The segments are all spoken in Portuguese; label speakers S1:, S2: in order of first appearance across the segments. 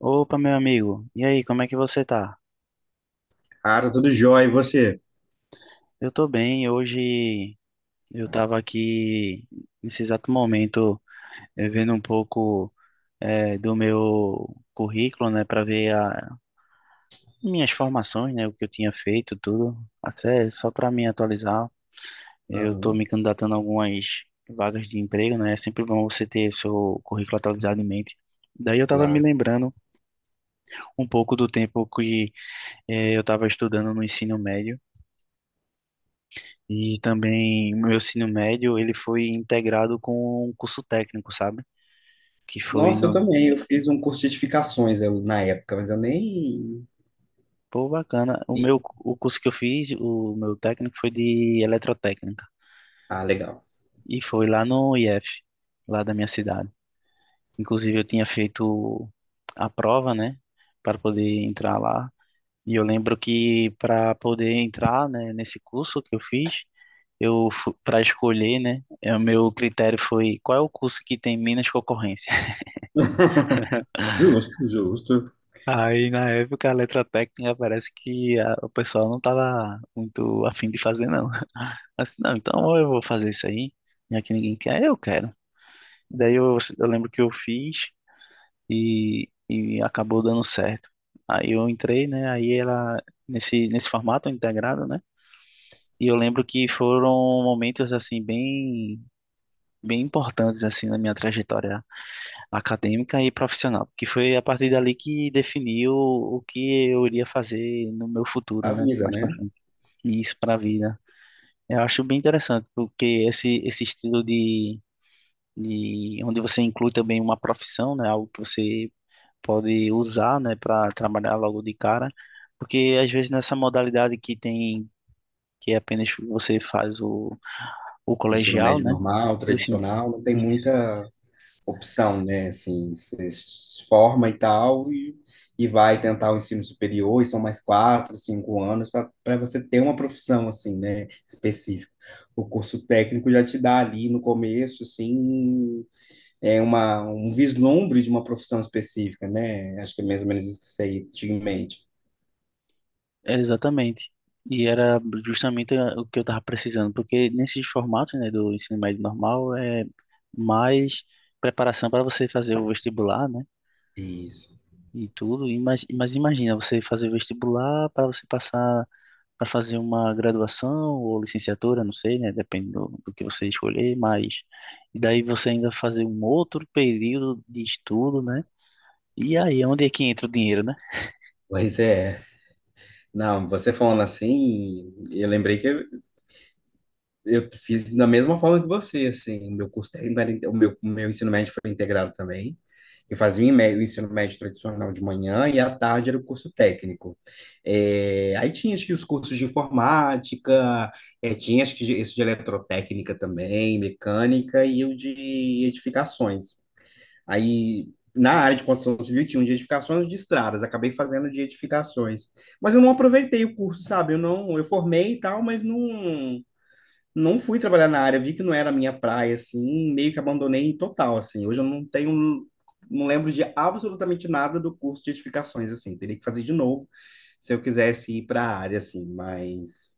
S1: Opa, meu amigo. E aí, como é que você tá?
S2: Ah, tá tudo jóia, e você?
S1: Eu tô bem. Hoje eu tava aqui nesse exato momento vendo um pouco do meu currículo, né, para ver minhas formações, né, o que eu tinha feito, tudo. Até só para me atualizar. Eu tô
S2: Aham,
S1: me candidatando a algumas vagas de emprego, né? É sempre bom você ter o seu currículo atualizado em mente. Daí eu tava me
S2: claro.
S1: lembrando um pouco do tempo que eu tava estudando no ensino médio. E também o meu ensino médio, ele foi integrado com um curso técnico, sabe? Que foi
S2: Nossa, eu
S1: no...
S2: também. Eu fiz um curso de edificações na época, mas eu nem.
S1: Pô, bacana. O
S2: nem-
S1: meu, o curso que eu fiz, o meu técnico foi de eletrotécnica.
S2: Ah, legal.
S1: E foi lá no IF, lá da minha cidade. Inclusive eu tinha feito a prova, né? Para poder entrar lá. E eu lembro que para poder entrar, né, nesse curso que eu fiz, eu para escolher, né, o meu critério foi qual é o curso que tem menos concorrência.
S2: Justo, justo.
S1: Aí na época a letra técnica parece que o pessoal não tava muito afim de fazer não. Assim, não, então ou eu vou fazer isso aí, já que ninguém quer, eu quero. Daí eu lembro que eu fiz e acabou dando certo. Aí eu entrei, né, aí ela nesse formato integrado, né? E eu lembro que foram momentos assim bem bem importantes assim na minha trajetória acadêmica e profissional, porque foi a partir dali que definiu o que eu iria fazer no meu futuro,
S2: A
S1: né,
S2: vida,
S1: mais para
S2: né?
S1: frente. E isso para a vida. Eu acho bem interessante, porque esse estilo de onde você inclui também uma profissão, né, algo que você pode usar, né, para trabalhar logo de cara, porque às vezes nessa modalidade que tem que é apenas você faz o
S2: Ensino
S1: colegial,
S2: médio
S1: né.
S2: normal,
S1: Poxa,
S2: tradicional, não tem muita opção, né? Assim, você se forma e tal, e vai tentar o ensino superior, e são mais 4, 5 anos para você ter uma profissão, assim, né? Específica. O curso técnico já te dá ali no começo, assim. É uma, um vislumbre de uma profissão específica, né? Acho que é mais ou menos isso que você aí tinha em mente.
S1: é, exatamente. E era justamente o que eu estava precisando, porque nesses formatos, né, do ensino médio normal é mais preparação para você fazer o vestibular, né,
S2: Isso.
S1: e tudo. E mas imagina você fazer o vestibular para você passar para fazer uma graduação ou licenciatura, não sei, né, depende do que você escolher, mas e daí você ainda fazer um outro período de estudo, né? E aí, é onde é que entra o dinheiro, né?
S2: Pois é. Não, você falando assim, eu lembrei que eu fiz da mesma forma que você, assim, o meu curso técnico era, o meu ensino médio foi integrado também. Eu fazia o ensino médio tradicional de manhã e à tarde era o curso técnico. É, aí tinha acho que os cursos de informática, é, tinha acho que esse de eletrotécnica também, mecânica e o de edificações. Aí, na área de construção civil, tinha um de edificações de estradas, acabei fazendo de edificações. Mas eu não aproveitei o curso, sabe? Eu não, eu formei e tal, mas não fui trabalhar na área, vi que não era a minha praia, assim, meio que abandonei total, assim. Hoje eu não tenho, não lembro de absolutamente nada do curso de edificações, assim. Teria que fazer de novo se eu quisesse ir para a área, assim, mas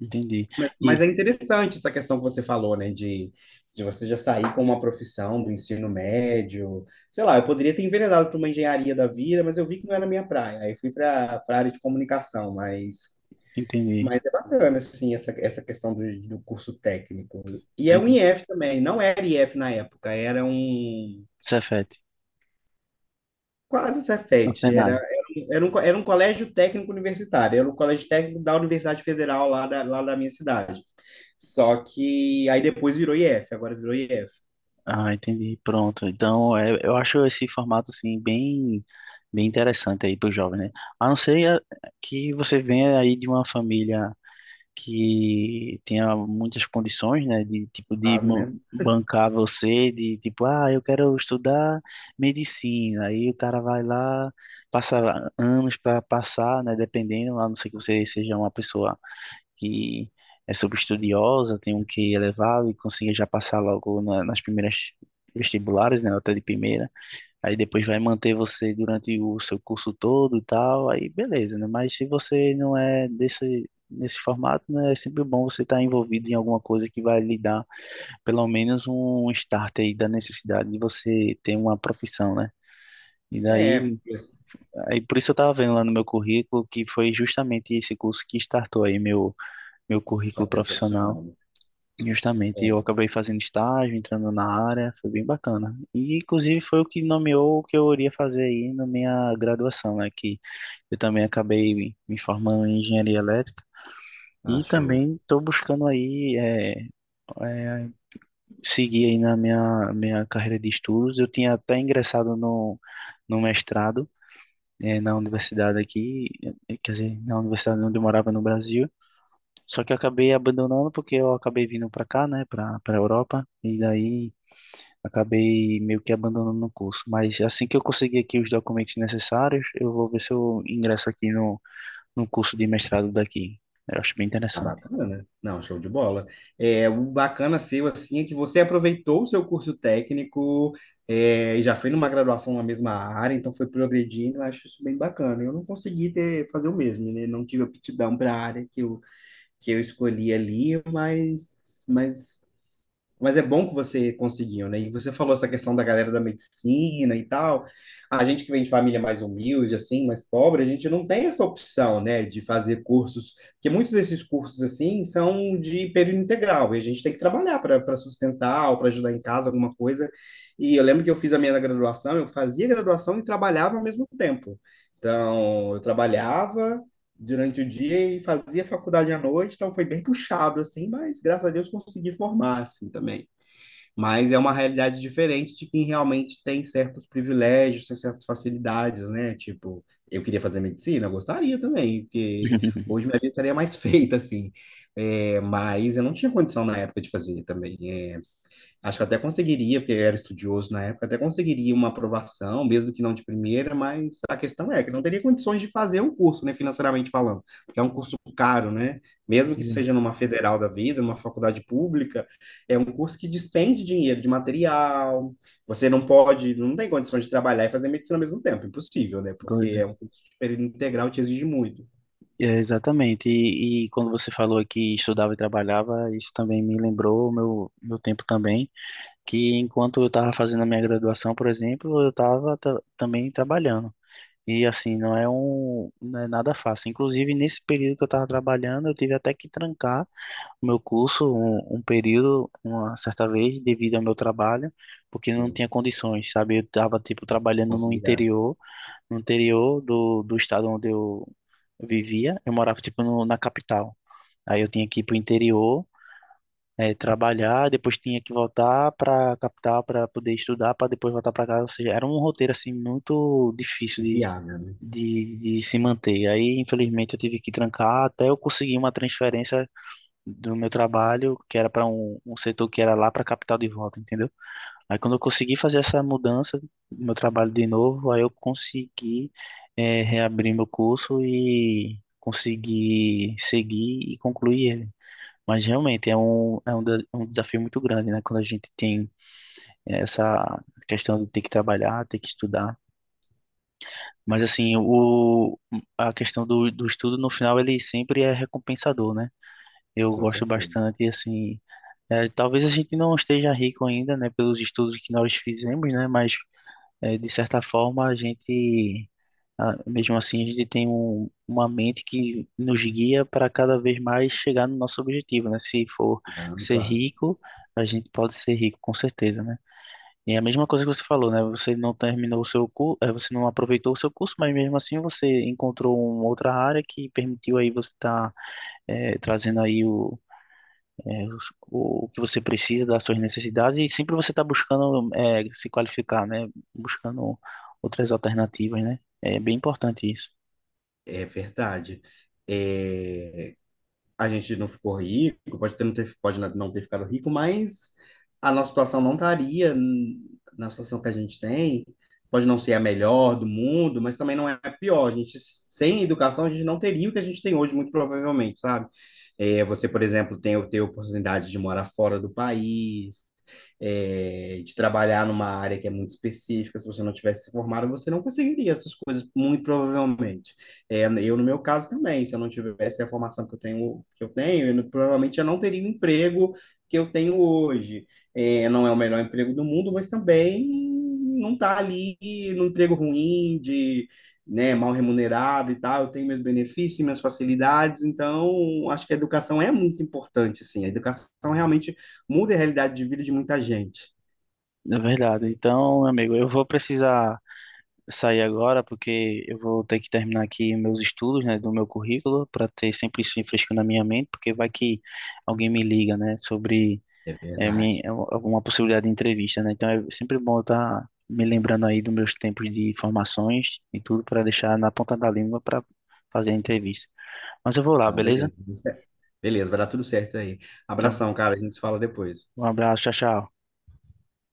S1: Entendi.
S2: mas, mas
S1: E
S2: é interessante essa questão que você falou, né? De você já sair com uma profissão do ensino médio. Sei lá, eu poderia ter enveredado para uma engenharia da vida, mas eu vi que não era a minha praia. Aí fui para a área de comunicação, mas,
S1: entendi.
S2: mas é bacana, assim, essa questão do curso técnico. E é um
S1: É,
S2: IF também, não era IF na época, era um.
S1: Cefete,
S2: Quase
S1: no
S2: Cefet,
S1: Senai.
S2: era, um, era um colégio técnico universitário, era um colégio técnico da Universidade Federal lá da minha cidade. Só que aí depois virou IF, agora virou IF,
S1: Ah, entendi. Pronto. Então, é, eu acho esse formato assim bem, bem interessante aí para o jovem, né? A não ser que você venha aí de uma família que tenha muitas condições, né? De tipo
S2: sabe, né?
S1: bancar você, de tipo, ah, eu quero estudar medicina. Aí o cara vai lá, passa anos para passar, né? Dependendo, a não ser que você seja uma pessoa que é super estudiosa, tem um QI elevado e consegue já passar logo nas primeiras vestibulares, né, nota de primeira. Aí depois vai manter você durante o seu curso todo e tal, aí beleza, né? Mas se você não é desse nesse formato, né, é sempre bom você estar envolvido em alguma coisa que vai lhe dar pelo menos um start aí da necessidade de você ter uma profissão, né? E
S2: É,
S1: daí,
S2: porque
S1: aí por isso eu estava vendo lá no meu currículo que foi justamente esse curso que startou aí meu
S2: só
S1: currículo
S2: que ele é
S1: profissional.
S2: profissional, né?
S1: Justamente,
S2: É,
S1: eu acabei fazendo estágio, entrando na área, foi bem bacana. E, inclusive, foi o que nomeou o que eu iria fazer aí na minha graduação, né? Que eu também acabei me formando em engenharia elétrica e
S2: acho
S1: também estou buscando aí é, seguir aí na minha carreira de estudos. Eu tinha até ingressado no mestrado na universidade aqui, quer dizer, na universidade onde eu morava no Brasil. Só que eu acabei abandonando porque eu acabei vindo para cá, né, para Europa, e daí acabei meio que abandonando o curso, mas assim que eu conseguir aqui os documentos necessários, eu vou ver se eu ingresso aqui no curso de mestrado daqui. Eu acho bem interessante.
S2: bacana, né? Não, show de bola. É, o bacana seu, assim, é que você aproveitou o seu curso técnico é, e já foi numa graduação na mesma área, então foi progredindo, eu acho isso bem bacana. Eu não consegui ter, fazer o mesmo, né? Não tive aptidão para a área que eu escolhi ali, mas é bom que você conseguiu, né? E você falou essa questão da galera da medicina e tal. A gente que vem de família mais humilde, assim, mais pobre, a gente não tem essa opção, né, de fazer cursos, porque muitos desses cursos, assim, são de período integral, e a gente tem que trabalhar para sustentar ou para ajudar em casa, alguma coisa. E eu lembro que eu fiz a minha graduação, eu fazia graduação e trabalhava ao mesmo tempo. Então, eu trabalhava durante o dia e fazia faculdade à noite, então foi bem puxado, assim, mas graças a Deus consegui formar, assim, também, mas é uma realidade diferente de quem realmente tem certos privilégios, tem certas facilidades, né? Tipo, eu queria fazer medicina, eu gostaria também, porque hoje minha vida estaria mais feita, assim. É, mas eu não tinha condição na época de fazer também. É, acho que até conseguiria, porque eu era estudioso na época, até conseguiria uma aprovação, mesmo que não de primeira, mas a questão é que não teria condições de fazer o curso, né, financeiramente falando, porque é um curso caro, né? Mesmo que
S1: É,
S2: seja numa federal da vida, numa faculdade pública, é um curso que despende dinheiro de material. Você não pode, não tem condições de trabalhar e fazer medicina ao mesmo tempo, impossível, né? Porque
S1: pois é,
S2: é um curso de período integral, te exige muito.
S1: é, exatamente. E quando você falou que estudava e trabalhava, isso também me lembrou o meu tempo também, que enquanto eu estava fazendo a minha graduação, por exemplo, eu estava também trabalhando. E assim, não é nada fácil. Inclusive, nesse período que eu estava trabalhando, eu tive até que trancar meu curso um período, uma certa vez, devido ao meu trabalho, porque eu não
S2: Sim,
S1: tinha condições, sabe? Eu estava, tipo, trabalhando no
S2: conciliar.
S1: interior, no interior do estado onde eu vivia, eu morava, tipo, no, na capital. Aí eu tinha que ir pro interior, trabalhar, depois tinha que voltar para a capital para poder estudar, para depois voltar para casa. Ou seja, era um roteiro, assim, muito difícil
S2: Viável, né?
S1: de se manter. Aí, infelizmente, eu tive que trancar até eu conseguir uma transferência do meu trabalho, que era para um setor que era lá para a capital de volta, entendeu? Aí quando eu consegui fazer essa mudança do meu trabalho de novo, aí eu consegui reabrir meu curso e consegui seguir e concluir ele. Mas realmente um desafio muito grande, né? Quando a gente tem essa questão de ter que trabalhar, ter que estudar. Mas assim, a questão do estudo no final ele sempre é recompensador, né? Eu
S2: Com
S1: gosto
S2: certeza.
S1: bastante, assim, é, talvez a gente não esteja rico ainda, né, pelos estudos que nós fizemos, né, mas é, de certa forma a gente, ah, mesmo assim, a gente tem uma mente que nos guia para cada vez mais chegar no nosso objetivo, né? Se for
S2: Ah,
S1: ser
S2: claro.
S1: rico, a gente pode ser rico, com certeza, né? E é a mesma coisa que você falou, né? Você não terminou o seu curso, você não aproveitou o seu curso, mas mesmo assim você encontrou uma outra área que permitiu aí você estar trazendo aí o que você precisa das suas necessidades e sempre você está buscando é, se qualificar, né? Buscando outras alternativas, né? É bem importante isso.
S2: É verdade. É, a gente não ficou rico, pode ter, não ter, pode não ter ficado rico, mas a nossa situação não estaria na situação que a gente tem. Pode não ser a melhor do mundo, mas também não é a pior. A gente, sem educação, a gente não teria o que a gente tem hoje, muito provavelmente, sabe? É, você, por exemplo, tem ter oportunidade de morar fora do país, é, de trabalhar numa área que é muito específica. Se você não tivesse se formado, você não conseguiria essas coisas, muito provavelmente. É, eu, no meu caso, também, se eu não tivesse a formação que eu tenho, provavelmente eu não teria o emprego que eu tenho hoje. É, não é o melhor emprego do mundo, mas também não está ali no emprego ruim, de, né, mal remunerado e tal, eu tenho meus benefícios, minhas facilidades, então acho que a educação é muito importante, assim, a educação realmente muda a realidade de vida de muita gente.
S1: É verdade. Então, meu amigo, eu vou precisar sair agora porque eu vou ter que terminar aqui meus estudos, né, do meu currículo para ter sempre isso fresco na minha mente, porque vai que alguém me liga, né, sobre
S2: É verdade.
S1: é uma possibilidade de entrevista, né? Então é sempre bom estar me lembrando aí dos meus tempos de formações e tudo para deixar na ponta da língua para fazer a entrevista. Mas eu vou lá,
S2: Não,
S1: beleza?
S2: beleza, tudo certo. Beleza, vai dar tudo certo aí.
S1: Então,
S2: Abração, cara. A gente se fala depois.
S1: um abraço, tchau, tchau.